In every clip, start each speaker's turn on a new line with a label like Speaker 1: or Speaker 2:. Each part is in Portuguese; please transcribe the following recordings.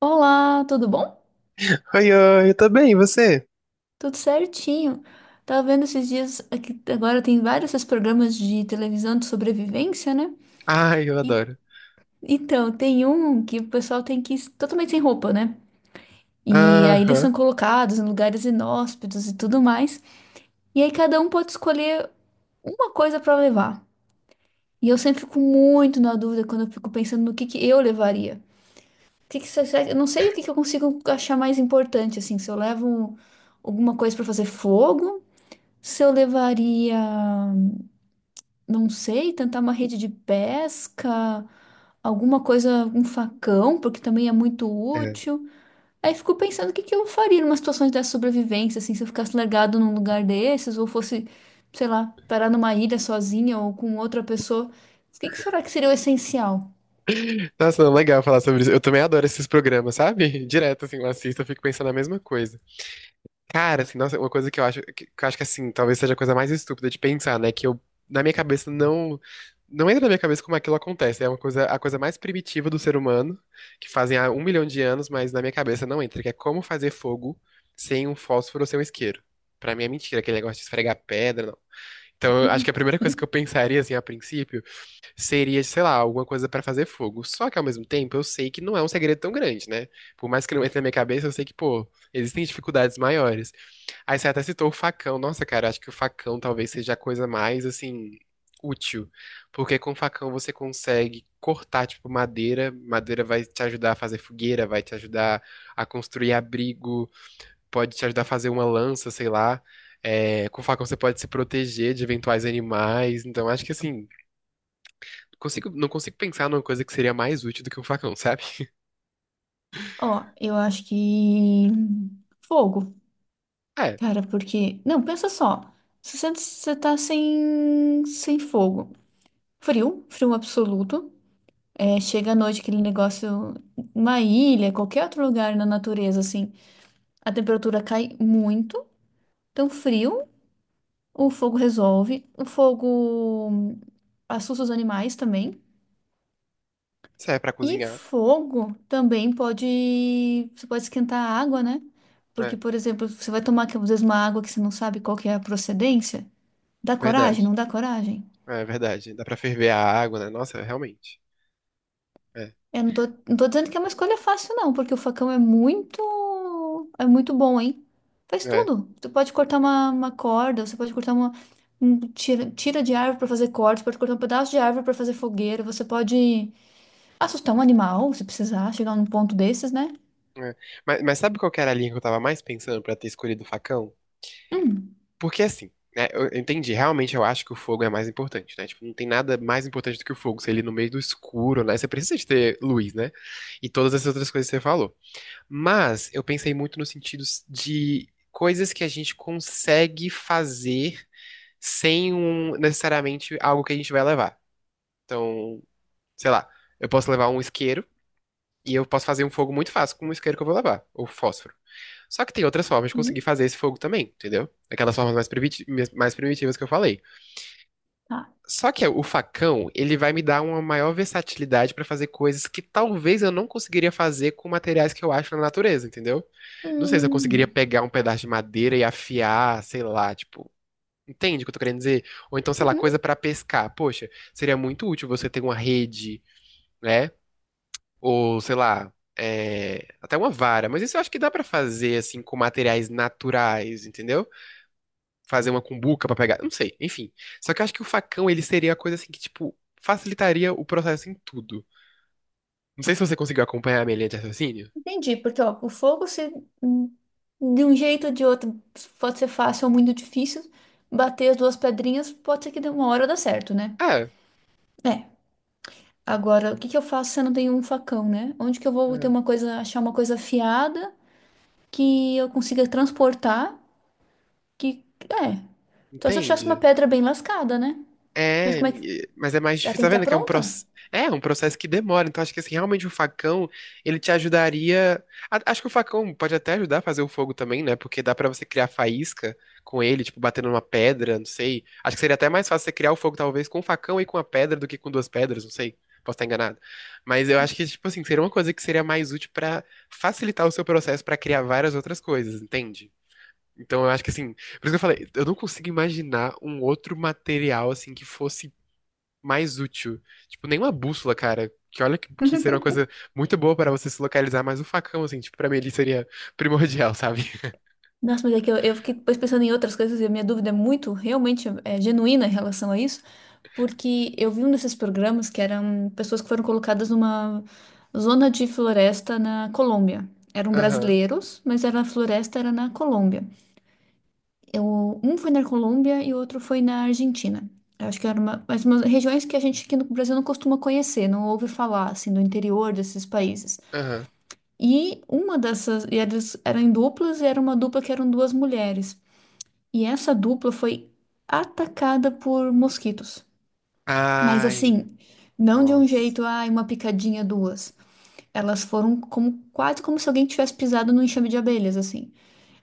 Speaker 1: Olá, tudo bom?
Speaker 2: Oi, oi, eu tô bem, e você?
Speaker 1: Tudo certinho. Tava vendo esses dias aqui, agora tem vários esses programas de televisão de sobrevivência, né?
Speaker 2: Ai, eu
Speaker 1: E
Speaker 2: adoro.
Speaker 1: então, tem um que o pessoal tem que ir totalmente sem roupa, né? E aí eles
Speaker 2: Aham,
Speaker 1: são colocados em lugares inóspitos e tudo mais. E aí cada um pode escolher uma coisa pra levar. E eu sempre fico muito na dúvida quando eu fico pensando no que eu levaria. O que que, eu não sei o que que eu consigo achar mais importante, assim, se eu levo um- alguma coisa pra fazer fogo. Se eu levaria, não sei, tentar uma rede de pesca, alguma coisa, um facão, porque também é muito
Speaker 2: é.
Speaker 1: útil. Aí fico pensando o que que eu faria numa situação de sobrevivência, assim, se eu ficasse largado num lugar desses, ou fosse, sei lá, parar numa ilha sozinha ou com outra pessoa. O que que será que seria o essencial?
Speaker 2: Nossa, não, legal falar sobre isso. Eu também adoro esses programas, sabe? Direto, assim, eu assisto, eu fico pensando a mesma coisa. Cara, assim, nossa, uma coisa que eu acho, que eu acho que, assim, talvez seja a coisa mais estúpida de pensar, né? Que eu, na minha cabeça, não entra na minha cabeça como aquilo acontece. É uma coisa, a coisa mais primitiva do ser humano, que fazem há 1 milhão de anos, mas na minha cabeça não entra, que é como fazer fogo sem um fósforo ou sem um isqueiro. Pra mim é mentira, aquele negócio de esfregar pedra. Então, eu acho que a primeira coisa que eu pensaria, assim, a princípio, seria, sei lá, alguma coisa pra fazer fogo. Só que, ao mesmo tempo, eu sei que não é um segredo tão grande, né? Por mais que não entre na minha cabeça, eu sei que, pô, existem dificuldades maiores. Aí você até citou o facão. Nossa, cara, eu acho que o facão talvez seja a coisa mais, assim, útil. Porque com o facão você consegue cortar, tipo, madeira. Madeira vai te ajudar a fazer fogueira, vai te ajudar a construir abrigo, pode te ajudar a fazer uma lança, sei lá. É, com o facão você pode se proteger de eventuais animais. Então, acho que assim, não consigo pensar numa coisa que seria mais útil do que um facão, sabe?
Speaker 1: Ó, eu acho que fogo,
Speaker 2: É,
Speaker 1: cara, porque. Não, pensa só. Se você tá sem fogo. Frio, frio absoluto. É, chega à noite aquele negócio, uma ilha, qualquer outro lugar na natureza, assim, a temperatura cai muito, então frio, o fogo resolve, o fogo assusta os animais também,
Speaker 2: serve pra
Speaker 1: e
Speaker 2: cozinhar.
Speaker 1: fogo também pode, você pode esquentar a água, né? Porque,
Speaker 2: É,
Speaker 1: por exemplo, você vai tomar, às vezes, uma água que você não sabe qual que é a procedência, dá coragem,
Speaker 2: verdade.
Speaker 1: não dá coragem?
Speaker 2: É verdade. Dá pra ferver a água, né? Nossa, realmente. É,
Speaker 1: Eu não tô dizendo que é uma escolha fácil, não, porque o facão é muito bom, hein? Faz
Speaker 2: é,
Speaker 1: tudo. Você pode cortar uma corda, você pode cortar uma um tira de árvore para fazer cortes, pode cortar um pedaço de árvore para fazer fogueira, você pode assustar um animal, se precisar, chegar num ponto desses, né?
Speaker 2: é. Mas sabe qual que era a linha que eu tava mais pensando pra ter escolhido o facão?
Speaker 1: Hum,
Speaker 2: Porque assim, né, eu entendi, realmente eu acho que o fogo é mais importante, né? Tipo, não tem nada mais importante do que o fogo, se ele no meio do escuro, né? Você precisa de ter luz, né? E todas essas outras coisas que você falou. Mas eu pensei muito no sentido de coisas que a gente consegue fazer sem um, necessariamente algo que a gente vai levar. Então, sei lá, eu posso levar um isqueiro e eu posso fazer um fogo muito fácil com o isqueiro que eu vou levar, ou fósforo. Só que tem outras formas de
Speaker 1: hum,
Speaker 2: conseguir fazer esse fogo também, entendeu? Aquelas formas mais mais primitivas que eu falei.
Speaker 1: tá.
Speaker 2: Só que o facão, ele vai me dar uma maior versatilidade pra fazer coisas que talvez eu não conseguiria fazer com materiais que eu acho na natureza, entendeu? Não sei se eu
Speaker 1: Hum,
Speaker 2: conseguiria pegar um pedaço de madeira e afiar, sei lá, tipo, entende o que eu tô querendo dizer? Ou então, sei lá,
Speaker 1: uhum,
Speaker 2: coisa pra pescar. Poxa, seria muito útil você ter uma rede, né? Ou, sei lá, é, até uma vara. Mas isso eu acho que dá pra fazer assim com materiais naturais, entendeu? Fazer uma cumbuca pra pegar, não sei, enfim. Só que eu acho que o facão, ele seria a coisa assim que, tipo, facilitaria o processo em tudo. Não sei se você conseguiu acompanhar a minha linha de raciocínio.
Speaker 1: entendi, porque ó, o fogo se hum, de um jeito ou de outro pode ser fácil ou muito difícil. Bater as duas pedrinhas pode ser que de uma hora dá certo, né?
Speaker 2: Ah,
Speaker 1: É. Agora, o que que eu faço se eu não tenho um facão, né? Onde que eu vou ter
Speaker 2: é,
Speaker 1: uma coisa, achar uma coisa afiada que eu consiga transportar? Que é. Só se eu achasse uma
Speaker 2: entende?
Speaker 1: pedra bem lascada, né? Mas
Speaker 2: É,
Speaker 1: como é que
Speaker 2: mas é mais
Speaker 1: ela
Speaker 2: difícil,
Speaker 1: tem
Speaker 2: tá
Speaker 1: que estar
Speaker 2: vendo que
Speaker 1: pronta?
Speaker 2: é um processo que demora, então acho que assim, realmente o facão, ele te ajudaria, acho que o facão pode até ajudar a fazer o fogo também, né, porque dá pra você criar faísca com ele, tipo, batendo numa pedra, não sei, acho que seria até mais fácil você criar o fogo talvez com o facão e com a pedra do que com duas pedras, não sei, posso estar enganado, mas eu acho que, tipo assim, seria uma coisa que seria mais útil pra facilitar o seu processo pra criar várias outras coisas, entende? Então eu acho que assim, por isso que eu falei, eu não consigo imaginar um outro material assim que fosse mais útil. Tipo, nenhuma bússola, cara. Que olha que seria uma coisa muito boa para você se localizar, mas o facão, assim, tipo, pra mim ele seria primordial, sabe?
Speaker 1: Nossa, mas é que eu fiquei depois pensando em outras coisas e a minha dúvida é realmente é genuína em relação a isso, porque eu vi um desses programas que eram pessoas que foram colocadas numa zona de floresta na Colômbia. Eram
Speaker 2: Aham,
Speaker 1: brasileiros, mas era a floresta era na Colômbia. Um foi na Colômbia e o outro foi na Argentina. Eu acho que era mas umas regiões que a gente aqui no Brasil não costuma conhecer, não ouve falar, assim, do interior desses países.
Speaker 2: aham.
Speaker 1: E elas eram em duplas, e era uma dupla que eram duas mulheres. E essa dupla foi atacada por mosquitos. Mas
Speaker 2: Ai,
Speaker 1: assim, não de um
Speaker 2: nossa.
Speaker 1: jeito, ai, uma picadinha, duas. Elas foram como se alguém tivesse pisado num enxame de abelhas, assim.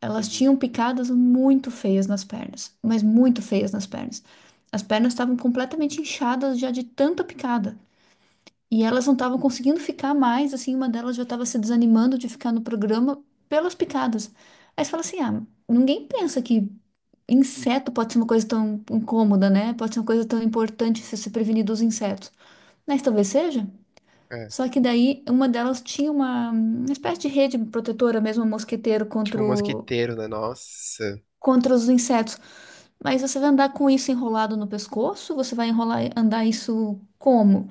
Speaker 1: Elas
Speaker 2: Uhum.
Speaker 1: tinham picadas muito feias nas pernas, mas muito feias nas pernas. As pernas estavam completamente inchadas já de tanta picada. E elas não estavam conseguindo ficar mais, assim, uma delas já estava se desanimando de ficar no programa pelas picadas. Aí você fala assim: ah, ninguém pensa que inseto pode ser uma coisa tão incômoda, né? Pode ser uma coisa tão importante se se prevenir dos insetos. Mas talvez seja.
Speaker 2: É.
Speaker 1: Só que daí uma delas tinha uma espécie de rede protetora, mesmo um mosqueteiro
Speaker 2: Tipo, um mosquiteiro, né? Nossa.
Speaker 1: contra os insetos. Mas você vai andar com isso enrolado no pescoço? Você vai enrolar, andar isso como?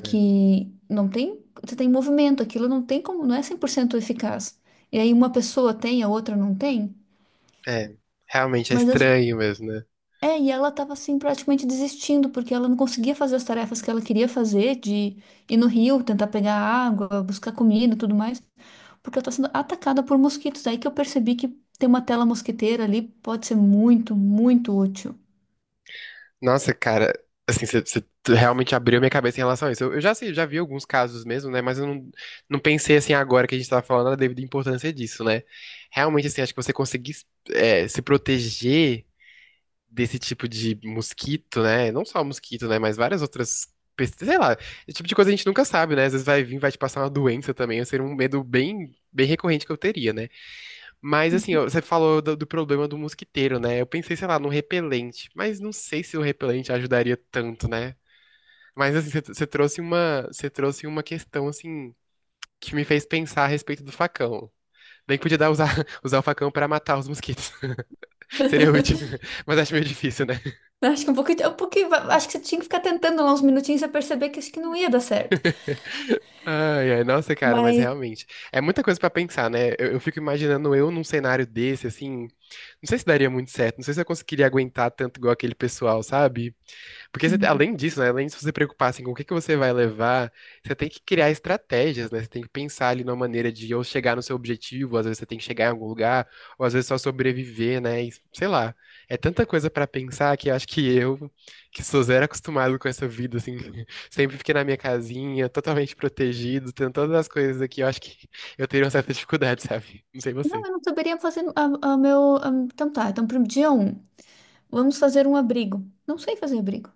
Speaker 2: É.
Speaker 1: não tem, você tem movimento, aquilo não tem como, não é 100% eficaz. E aí uma pessoa tem, a outra não tem.
Speaker 2: É, realmente é
Speaker 1: Mas as-
Speaker 2: estranho mesmo, né?
Speaker 1: É, e ela tava assim praticamente desistindo porque ela não conseguia fazer as tarefas que ela queria fazer, de ir no rio, tentar pegar água, buscar comida, e tudo mais, porque ela tá sendo atacada por mosquitos. Aí que eu percebi que ter uma tela mosquiteira ali pode ser muito, muito útil.
Speaker 2: Nossa, cara, assim, você realmente abriu minha cabeça em relação a isso. Eu já sei, já vi alguns casos mesmo, né? Mas eu não pensei assim agora que a gente tava falando da devida importância disso, né? Realmente, assim, acho que você conseguir se proteger desse tipo de mosquito, né? Não só mosquito, né? Mas várias outras. Sei lá, esse tipo de coisa a gente nunca sabe, né? Às vezes vai vir, vai te passar uma doença também. Esse seria um medo bem, bem recorrente que eu teria, né? Mas assim, ó, você falou do, do problema do mosquiteiro, né? Eu pensei, sei lá, num repelente, mas não sei se o repelente ajudaria tanto, né? Mas assim, você trouxe uma, você trouxe uma questão assim que me fez pensar a respeito do facão. Bem que podia dar usar, usar o facão pra matar os mosquitos. Seria útil, mas acho meio difícil, né?
Speaker 1: Eu acho que um pouquinho, acho que você tinha que ficar tentando lá uns minutinhos pra perceber que acho que não ia dar certo.
Speaker 2: Ai, ai, nossa, cara, mas
Speaker 1: Mas
Speaker 2: realmente é muita coisa pra pensar, né? Eu fico imaginando eu num cenário desse, assim, não sei se daria muito certo, não sei se eu conseguiria aguentar tanto igual aquele pessoal, sabe? Porque você,
Speaker 1: Hum.
Speaker 2: além disso, né, além de você preocupar assim, com o que que você vai levar, você tem que criar estratégias, né? Você tem que pensar ali numa maneira de ou chegar no seu objetivo, às vezes você tem que chegar em algum lugar, ou às vezes só sobreviver, né? E sei lá. É tanta coisa pra pensar que eu acho que eu, que sou zero acostumado com essa vida, assim, sempre fiquei na minha casinha, totalmente protegido, tendo todas as coisas aqui, eu acho que eu teria uma certa dificuldade, sabe? Não sei
Speaker 1: não,
Speaker 2: você.
Speaker 1: eu não saberia fazer então tá, então pro dia um, vamos fazer um abrigo. Não sei fazer abrigo.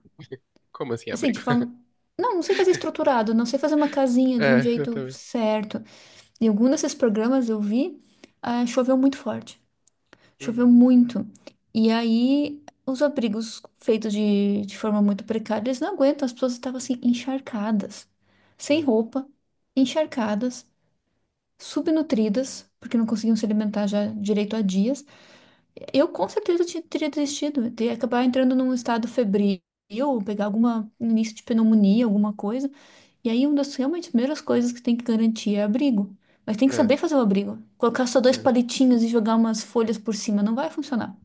Speaker 2: Como assim,
Speaker 1: Assim,
Speaker 2: abrigo?
Speaker 1: de forma. Não, não sei fazer estruturado, não sei fazer uma casinha de um
Speaker 2: É, eu
Speaker 1: jeito
Speaker 2: também.
Speaker 1: certo. Em algum desses programas eu vi, ah, choveu muito forte. Choveu
Speaker 2: Hum,
Speaker 1: muito. E aí, os abrigos feitos de forma muito precária, eles não aguentam. As pessoas estavam assim, encharcadas, sem
Speaker 2: é,
Speaker 1: roupa, encharcadas, subnutridas, porque não conseguiam se alimentar já direito há dias. Eu com certeza teria desistido, eu teria acabar entrando num estado febril, ou pegar alguma um início de pneumonia, alguma coisa. E aí, uma das realmente primeiras coisas que tem que garantir é abrigo. Mas tem que
Speaker 2: é,
Speaker 1: saber fazer o abrigo. Colocar só dois
Speaker 2: é.
Speaker 1: palitinhos e jogar umas folhas por cima não vai funcionar.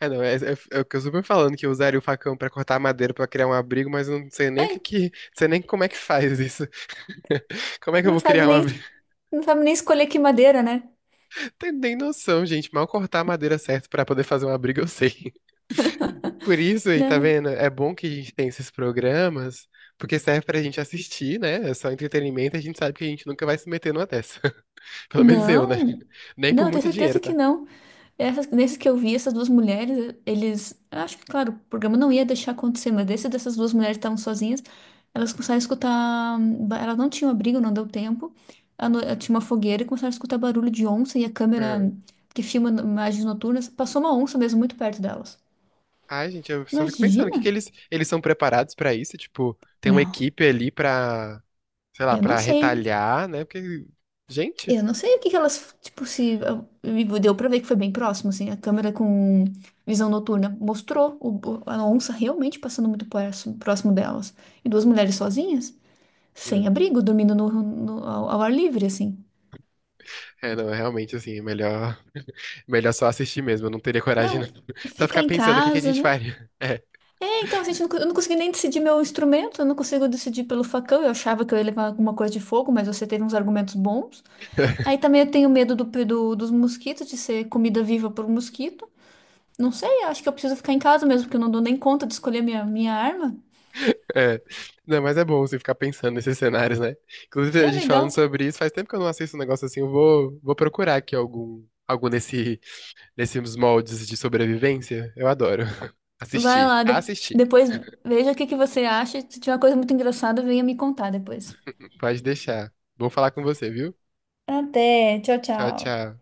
Speaker 2: É, não, é o que eu super falando, que eu usaria o facão pra cortar madeira pra criar um abrigo, mas eu não sei nem o que que, não sei nem como é que faz isso. Como é que eu
Speaker 1: Não
Speaker 2: vou
Speaker 1: sabe
Speaker 2: criar um abrigo?
Speaker 1: nem, não sabe nem escolher que madeira, né?
Speaker 2: Não nem noção, gente. Mal cortar a madeira certo pra poder fazer um abrigo, eu sei. Por isso, aí, tá
Speaker 1: Não.
Speaker 2: vendo? É bom que a gente tem esses programas, porque serve pra gente assistir, né? É só entretenimento, a gente sabe que a gente nunca vai se meter numa dessa. Pelo menos eu, né?
Speaker 1: Não,
Speaker 2: Nem
Speaker 1: não,
Speaker 2: por
Speaker 1: eu tenho
Speaker 2: muito dinheiro,
Speaker 1: certeza que
Speaker 2: tá?
Speaker 1: não. Nesses que eu vi, essas duas mulheres, eles. Eu acho que, claro, o programa não ia deixar acontecer, mas desse dessas duas mulheres que estavam sozinhas, elas começaram a escutar. Elas não tinham abrigo, não deu tempo. A no- eh, Tinha uma fogueira e começaram a escutar barulho de onça e a câmera
Speaker 2: Ah,
Speaker 1: que filma imagens noturnas passou uma onça mesmo muito perto delas.
Speaker 2: ai, gente, eu só fico pensando, o
Speaker 1: Imagina?
Speaker 2: que que eles são preparados pra isso? Tipo, tem uma
Speaker 1: Não,
Speaker 2: equipe ali pra sei lá,
Speaker 1: eu não
Speaker 2: pra
Speaker 1: sei.
Speaker 2: retalhar, né? Porque, gente,
Speaker 1: Eu não sei o que que elas, tipo, se e deu pra ver que foi bem próximo, assim, a câmera com visão noturna mostrou a onça realmente passando muito próximo, próximo delas. E duas mulheres sozinhas,
Speaker 2: né?
Speaker 1: sem abrigo, dormindo ao ar livre, assim.
Speaker 2: É, não, é realmente, assim, é melhor, melhor só assistir mesmo. Eu não teria coragem,
Speaker 1: Não,
Speaker 2: não. Só
Speaker 1: ficar
Speaker 2: ficar
Speaker 1: em
Speaker 2: pensando o que que a
Speaker 1: casa,
Speaker 2: gente
Speaker 1: né?
Speaker 2: faria.
Speaker 1: É, então, assim, a gente não co- eu não consegui nem decidir meu instrumento, eu não consigo decidir pelo facão, eu achava que eu ia levar alguma coisa de fogo, mas você teve uns argumentos bons. Aí também eu tenho medo dos mosquitos, de ser comida viva por um mosquito. Não sei, acho que eu preciso ficar em casa mesmo, porque eu não dou nem conta de escolher minha arma.
Speaker 2: É, é. Não, mas é bom você ficar pensando nesses cenários, né? Inclusive, a
Speaker 1: É
Speaker 2: gente falando
Speaker 1: legal.
Speaker 2: sobre isso, faz tempo que eu não assisto um negócio assim. Eu vou procurar aqui algum nesses moldes de sobrevivência. Eu adoro.
Speaker 1: Vai
Speaker 2: Assistir.
Speaker 1: lá,
Speaker 2: Assistir.
Speaker 1: depois veja o que que você acha. Se tiver uma coisa muito engraçada, venha me contar depois.
Speaker 2: Pode deixar. Bom falar com você, viu?
Speaker 1: Até, tchau,
Speaker 2: Tchau,
Speaker 1: tchau.
Speaker 2: tchau.